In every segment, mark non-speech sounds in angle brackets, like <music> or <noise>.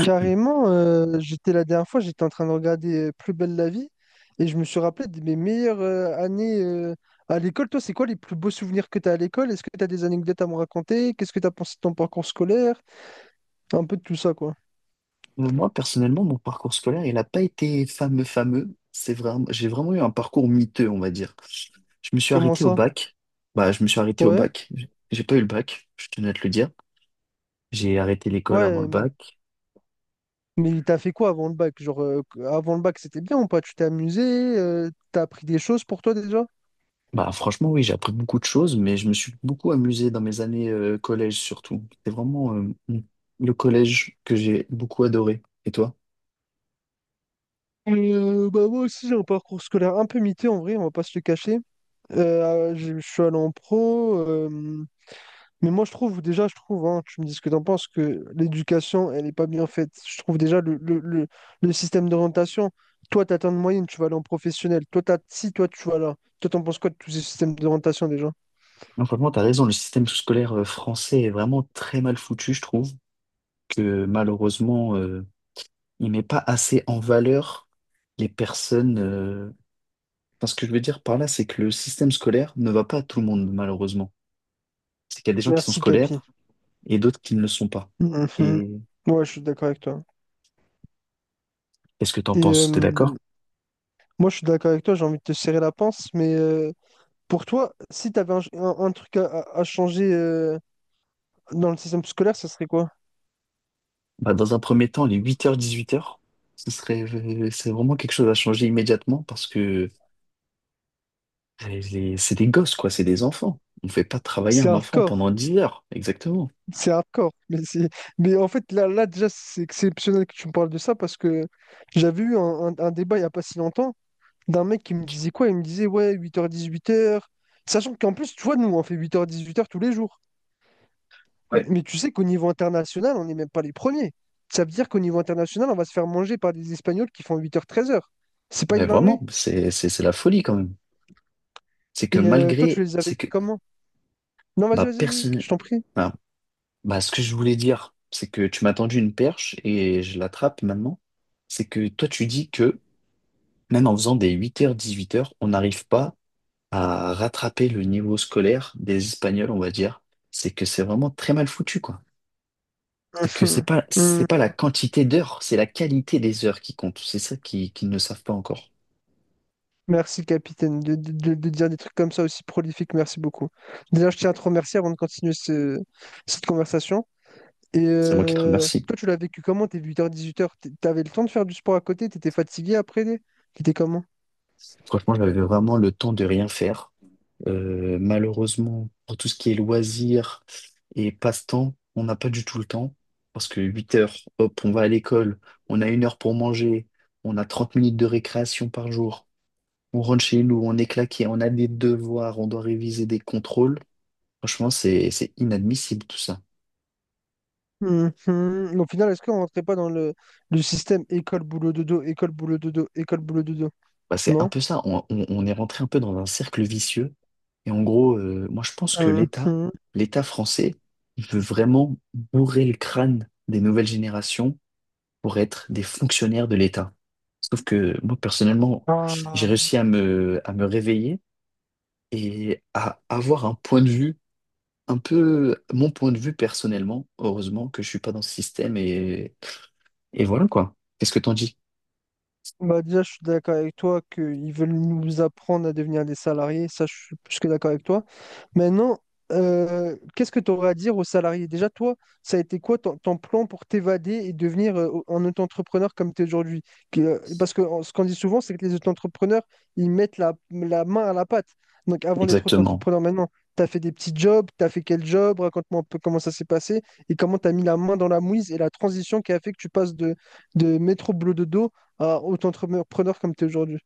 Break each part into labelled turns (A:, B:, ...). A: Carrément, j'étais la dernière fois, j'étais en train de regarder Plus belle la vie et je me suis rappelé de mes meilleures années à l'école. Toi, c'est quoi les plus beaux souvenirs que tu as à l'école? Est-ce que tu as des anecdotes à me raconter? Qu'est-ce que tu as pensé de ton parcours scolaire? Un peu de tout ça, quoi.
B: Moi, personnellement, mon parcours scolaire, il n'a pas été fameux, fameux. J'ai vraiment eu un parcours miteux, on va dire. Je me suis
A: Comment
B: arrêté au
A: ça?
B: bac. Bah, je me suis arrêté au
A: Ouais,
B: bac. J'ai pas eu le bac, je tenais à te le dire. J'ai arrêté l'école avant
A: ouais,
B: le bac.
A: mais t'as fait quoi avant le bac? Genre, avant le bac, c'était bien ou pas? Tu t'es amusé? T'as appris des choses pour toi déjà?
B: Bah, franchement, oui, j'ai appris beaucoup de choses, mais je me suis beaucoup amusé dans mes années collège surtout. C'est vraiment le collège que j'ai beaucoup adoré. Et toi?
A: Bah moi aussi j'ai un parcours scolaire un peu mité en vrai, on va pas se le cacher. Je suis allé en pro. Mais moi, je trouve, déjà, je trouve, hein, tu me dis ce que t'en penses, que l'éducation, elle n'est pas bien faite. Je trouve déjà le système d'orientation, toi, tu atteins une moyenne, tu vas aller en professionnel. Toi, t'as, si, toi, tu vas là. Toi, t'en penses quoi de tous ces systèmes d'orientation déjà?
B: Non, franchement, t'as raison, le système scolaire français est vraiment très mal foutu, je trouve, que malheureusement, il met pas assez en valeur les personnes. Enfin, ce que je veux dire par là, c'est que le système scolaire ne va pas à tout le monde, malheureusement. C'est qu'il y a des gens qui sont
A: Merci, Capi.
B: scolaires
A: <laughs>
B: et d'autres qui ne le sont pas.
A: Mhm.
B: Et
A: Ouais, je suis d'accord avec toi.
B: qu'est-ce que t'en
A: Et
B: penses? T'es d'accord?
A: moi, je suis d'accord avec toi, j'ai envie de te serrer la pince, mais pour toi, si tu avais un truc à changer dans le système scolaire, ça serait quoi?
B: Bah, dans un premier temps, les 8h-18h ce serait, c'est vraiment quelque chose à changer immédiatement parce que c'est des gosses, quoi, c'est des enfants. On ne fait pas travailler
A: C'est
B: un enfant
A: hardcore,
B: pendant 10 heures, exactement.
A: c'est hardcore. Mais c'est... mais en fait, là, là déjà, c'est exceptionnel que tu me parles de ça parce que j'avais eu un débat il n'y a pas si longtemps d'un mec qui me disait quoi? Il me disait, ouais, 8h-18h. Sachant qu'en plus, tu vois, nous, on fait 8h-18h tous les jours.
B: Ouais.
A: Mais tu sais qu'au niveau international, on n'est même pas les premiers. Ça veut dire qu'au niveau international, on va se faire manger par des Espagnols qui font 8h-13h. C'est pas
B: Mais
A: une dinguerie.
B: vraiment, c'est la folie quand même. C'est que
A: Et toi, tu
B: malgré,
A: les as
B: c'est que
A: vécus comment? Non, vas-y,
B: Bah,
A: vas-y, vas-y,
B: personne...
A: je t'en prie.
B: Alors, bah, ce que je voulais dire, c'est que tu m'as tendu une perche et je l'attrape maintenant. C'est que toi, tu dis que même en faisant des 8h-18h on n'arrive pas à rattraper le niveau scolaire des Espagnols, on va dire. C'est que c'est vraiment très mal foutu, quoi. C'est que c'est pas
A: <laughs>
B: la quantité d'heures, c'est la qualité des heures qui compte. C'est ça qui- qu'ils ne savent pas encore.
A: Merci, capitaine, de dire des trucs comme ça aussi prolifiques. Merci beaucoup. Déjà, je tiens à te remercier avant de continuer cette conversation. Et
B: C'est moi qui te remercie.
A: toi, tu l'as vécu comment, tes 8h-18h? T'avais le temps de faire du sport à côté? T'étais fatigué après? T'étais comment?
B: Franchement, j'avais vraiment le temps de rien faire. Malheureusement, pour tout ce qui est loisirs et passe-temps, on n'a pas du tout le temps. Parce que 8 heures, hop, on va à l'école, on a 1 heure pour manger, on a 30 minutes de récréation par jour, on rentre chez nous, on est claqué, on a des devoirs, on doit réviser des contrôles. Franchement, c'est inadmissible tout ça.
A: Mhm. Au final, est-ce qu'on rentrait pas dans le système école-boulot-dodo, école-boulot-dodo, école-boulot-dodo?
B: Bah, c'est un
A: Non?
B: peu ça, on est rentré un peu dans un cercle vicieux. Et en gros, moi je pense que l'État,
A: Mhm.
B: l'État français, il veut vraiment bourrer le crâne des nouvelles générations pour être des fonctionnaires de l'État. Sauf que moi, personnellement, j'ai réussi à me réveiller et à avoir un point de vue, un peu mon point de vue personnellement. Heureusement que je suis pas dans ce système et voilà quoi. Qu'est-ce que t'en dis?
A: Bah déjà, je suis d'accord avec toi qu'ils veulent nous apprendre à devenir des salariés. Ça, je suis plus que d'accord avec toi. Maintenant, qu'est-ce que tu aurais à dire aux salariés? Déjà, toi, ça a été quoi ton plan pour t'évader et devenir un auto-entrepreneur comme tu es aujourd'hui? Parce que ce qu'on dit souvent, c'est que les auto-entrepreneurs, ils mettent la main à la pâte. Donc, avant d'être
B: Exactement.
A: auto-entrepreneur, maintenant, tu as fait des petits jobs, tu as fait quel job? Raconte-moi un peu comment ça s'est passé et comment tu as mis la main dans la mouise et la transition qui a fait que tu passes de métro boulot dodo à auto-entrepreneur comme tu es aujourd'hui?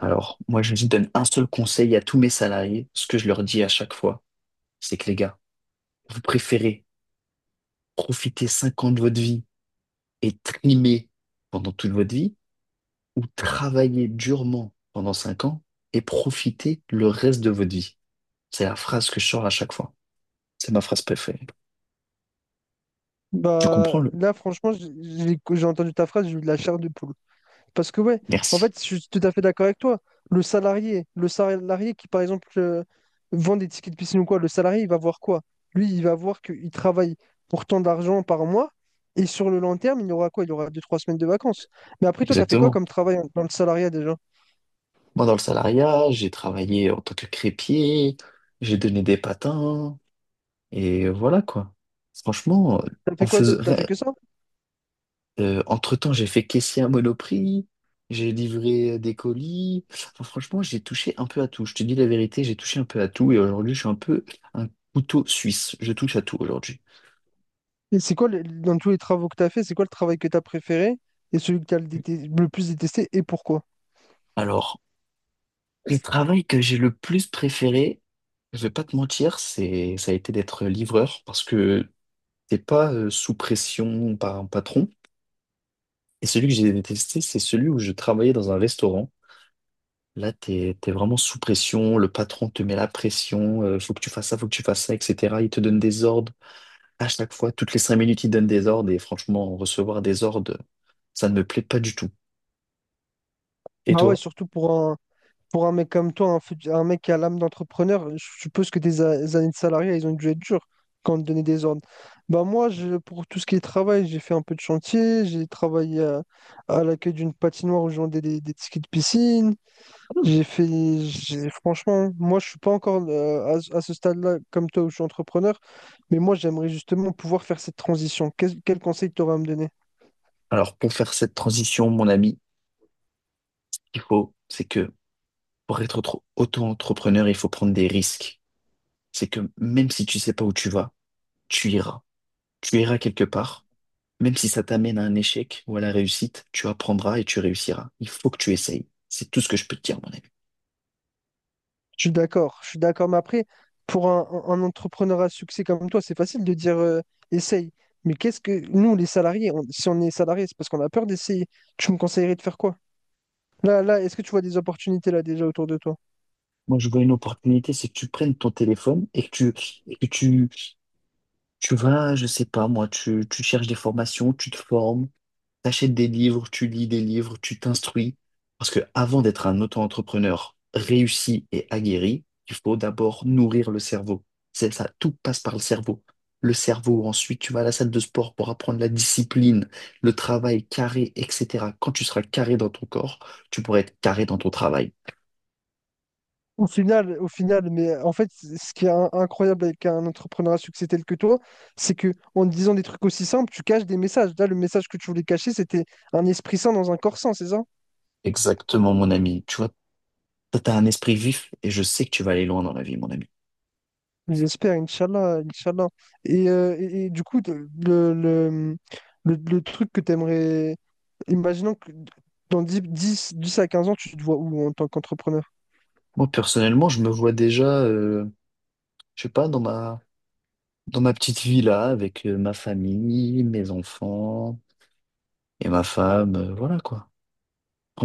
B: Alors, moi, je donne un seul conseil à tous mes salariés. Ce que je leur dis à chaque fois, c'est que les gars, vous préférez profiter 5 ans de votre vie et trimer pendant toute votre vie ou travailler durement pendant 5 ans et profiter le reste de votre vie. C'est la phrase que je sors à chaque fois. C'est ma phrase préférée. Tu
A: Bah,
B: comprends le?
A: là, franchement, j'ai entendu ta phrase, j'ai eu de la chair de poule. Parce que ouais, en
B: Merci.
A: fait, je suis tout à fait d'accord avec toi. Le salarié qui, par exemple, vend des tickets de piscine ou quoi, le salarié, il va voir quoi? Lui, il va voir qu'il travaille pour tant d'argent par mois, et sur le long terme, il aura quoi? Il aura deux, trois semaines de vacances. Mais après, toi, t'as fait quoi
B: Exactement.
A: comme travail dans le salariat déjà?
B: Moi, dans le salariat, j'ai travaillé en tant que crépier, j'ai donné des patins, et voilà quoi. Franchement,
A: T'as
B: on
A: fait quoi d'autre? T'as fait que
B: faisait...
A: ça?
B: Entre-temps, j'ai fait caissier à Monoprix, j'ai livré des colis. Enfin, franchement, j'ai touché un peu à tout. Je te dis la vérité, j'ai touché un peu à tout et aujourd'hui, je suis un peu un couteau suisse. Je touche à tout aujourd'hui.
A: Et c'est quoi, dans tous les travaux que t'as fait, c'est quoi le travail que t'as préféré et celui que t'as le plus détesté et pourquoi?
B: Alors, le travail que j'ai le plus préféré, je vais pas te mentir, c'est ça a été d'être livreur parce que t'es pas sous pression par un patron. Et celui que j'ai détesté, c'est celui où je travaillais dans un restaurant. Là, t'es vraiment sous pression, le patron te met la pression, faut que tu fasses ça, faut que tu fasses ça, etc. Il te donne des ordres à chaque fois, toutes les 5 minutes, il te donne des ordres et franchement, recevoir des ordres, ça ne me plaît pas du tout. Et
A: Bah ouais,
B: toi?
A: surtout pour un mec comme toi, un mec qui a l'âme d'entrepreneur, je suppose que années de salariat, ils ont dû être durs quand on te donnait des ordres. Bah moi, je, pour tout ce qui est travail, j'ai fait un peu de chantier, j'ai travaillé à l'accueil d'une patinoire où je vendais des tickets de piscine.
B: Hmm.
A: J'ai fait, Franchement, moi, je suis pas encore ce à ce stade-là comme toi où je suis entrepreneur, mais moi, j'aimerais justement pouvoir faire cette transition. Quel conseil tu aurais à me donner?
B: Alors, pour faire cette transition, mon ami, il faut, c'est que pour être auto-entrepreneur, il faut prendre des risques. C'est que même si tu sais pas où tu vas, tu iras. Tu iras quelque part. Même si ça t'amène à un échec ou à la réussite, tu apprendras et tu réussiras. Il faut que tu essayes. C'est tout ce que je peux te dire, mon ami.
A: Je suis d'accord, je suis d'accord. Mais après, pour un entrepreneur à succès comme toi, c'est facile de dire essaye. Mais qu'est-ce que nous, les salariés, si on est salarié, c'est parce qu'on a peur d'essayer. Tu me conseillerais de faire quoi? Là, là, est-ce que tu vois des opportunités là déjà autour de toi?
B: Moi, je vois une opportunité, c'est que tu prennes ton téléphone et tu vas, je sais pas, moi, tu cherches des formations, tu te formes, t'achètes des livres, tu lis des livres, tu t'instruis. Parce que avant d'être un auto-entrepreneur réussi et aguerri, il faut d'abord nourrir le cerveau. C'est ça, tout passe par le cerveau. Le cerveau, ensuite, tu vas à la salle de sport pour apprendre la discipline, le travail carré, etc. Quand tu seras carré dans ton corps, tu pourras être carré dans ton travail.
A: Au final, mais en fait, ce qui est incroyable avec un entrepreneur à succès tel que toi, c'est que en disant des trucs aussi simples, tu caches des messages. Là, le message que tu voulais cacher, c'était un esprit sain dans un corps sain, c'est ça?
B: Exactement, mon ami. Tu vois, toi, t'as un esprit vif et je sais que tu vas aller loin dans la vie, mon ami.
A: J'espère, Inch'Allah, Inch'Allah. Et du coup, le, le truc que tu aimerais, imaginons que dans 10 à 15 ans, tu te vois où en tant qu'entrepreneur?
B: Moi, personnellement, je me vois déjà, je sais pas, dans ma petite villa avec ma famille, mes enfants et ma femme, voilà quoi.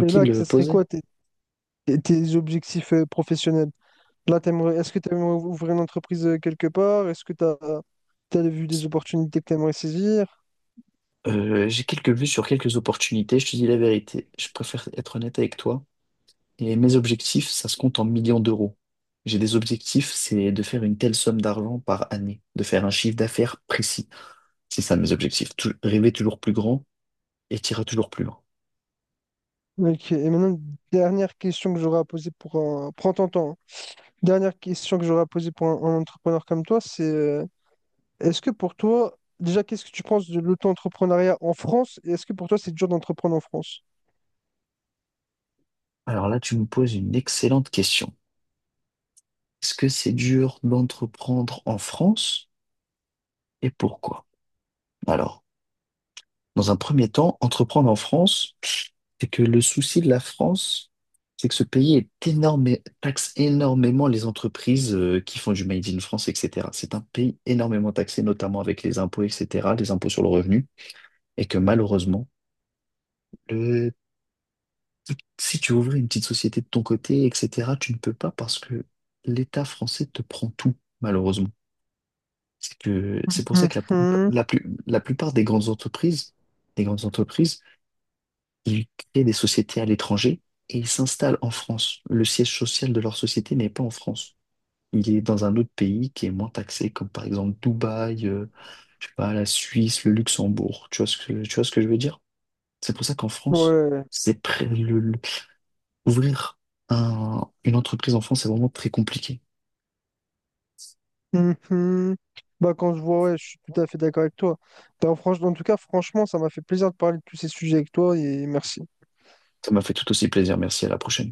A: Et là, que ce serait
B: posé.
A: quoi tes objectifs professionnels? Là, t'aimerais, est-ce que tu aimerais ouvrir une entreprise quelque part? Est-ce que tu as vu des opportunités que tu aimerais saisir?
B: J'ai quelques vues sur quelques opportunités, je te dis la vérité. Je préfère être honnête avec toi. Et mes objectifs, ça se compte en millions d'euros. J'ai des objectifs, c'est de faire une telle somme d'argent par année, de faire un chiffre d'affaires précis. C'est ça mes objectifs. Rêver toujours plus grand et t'iras toujours plus loin.
A: Ok. Et maintenant, dernière question que j'aurais à poser pour un... Prends ton temps, hein. Dernière question que j'aurais à poser pour un entrepreneur comme toi, c'est est-ce que pour toi, déjà, qu'est-ce que tu penses de l'auto-entrepreneuriat en France? Et est-ce que pour toi, c'est dur d'entreprendre en France?
B: Alors là, tu me poses une excellente question. Est-ce que c'est dur d'entreprendre en France et pourquoi? Alors, dans un premier temps, entreprendre en France, c'est que le souci de la France, c'est que ce pays est énorme, taxe énormément les entreprises qui font du Made in France, etc. C'est un pays énormément taxé, notamment avec les impôts, etc., les impôts sur le revenu, et que malheureusement, le- si tu ouvrais une petite société de ton côté, etc., tu ne peux pas parce que l'État français te prend tout, malheureusement. C'est que, c'est pour ça que
A: Mhm,
B: la plupart des grandes entreprises ils créent des sociétés à l'étranger et ils s'installent en France. Le siège social de leur société n'est pas en France. Il est dans un autre pays qui est moins taxé, comme par exemple Dubaï, je sais pas, la Suisse, le Luxembourg. Tu vois ce que, tu vois ce que je veux dire? C'est pour ça qu'en France,
A: ouais.
B: c'est pré- le- ouvrir une entreprise en France, c'est vraiment très compliqué.
A: Mhm. Bah, quand je vois, ouais, je suis tout à fait d'accord avec toi. Bah, en tout cas, franchement, ça m'a fait plaisir de parler de tous ces sujets avec toi et merci.
B: Ça m'a fait tout aussi plaisir. Merci, à la prochaine.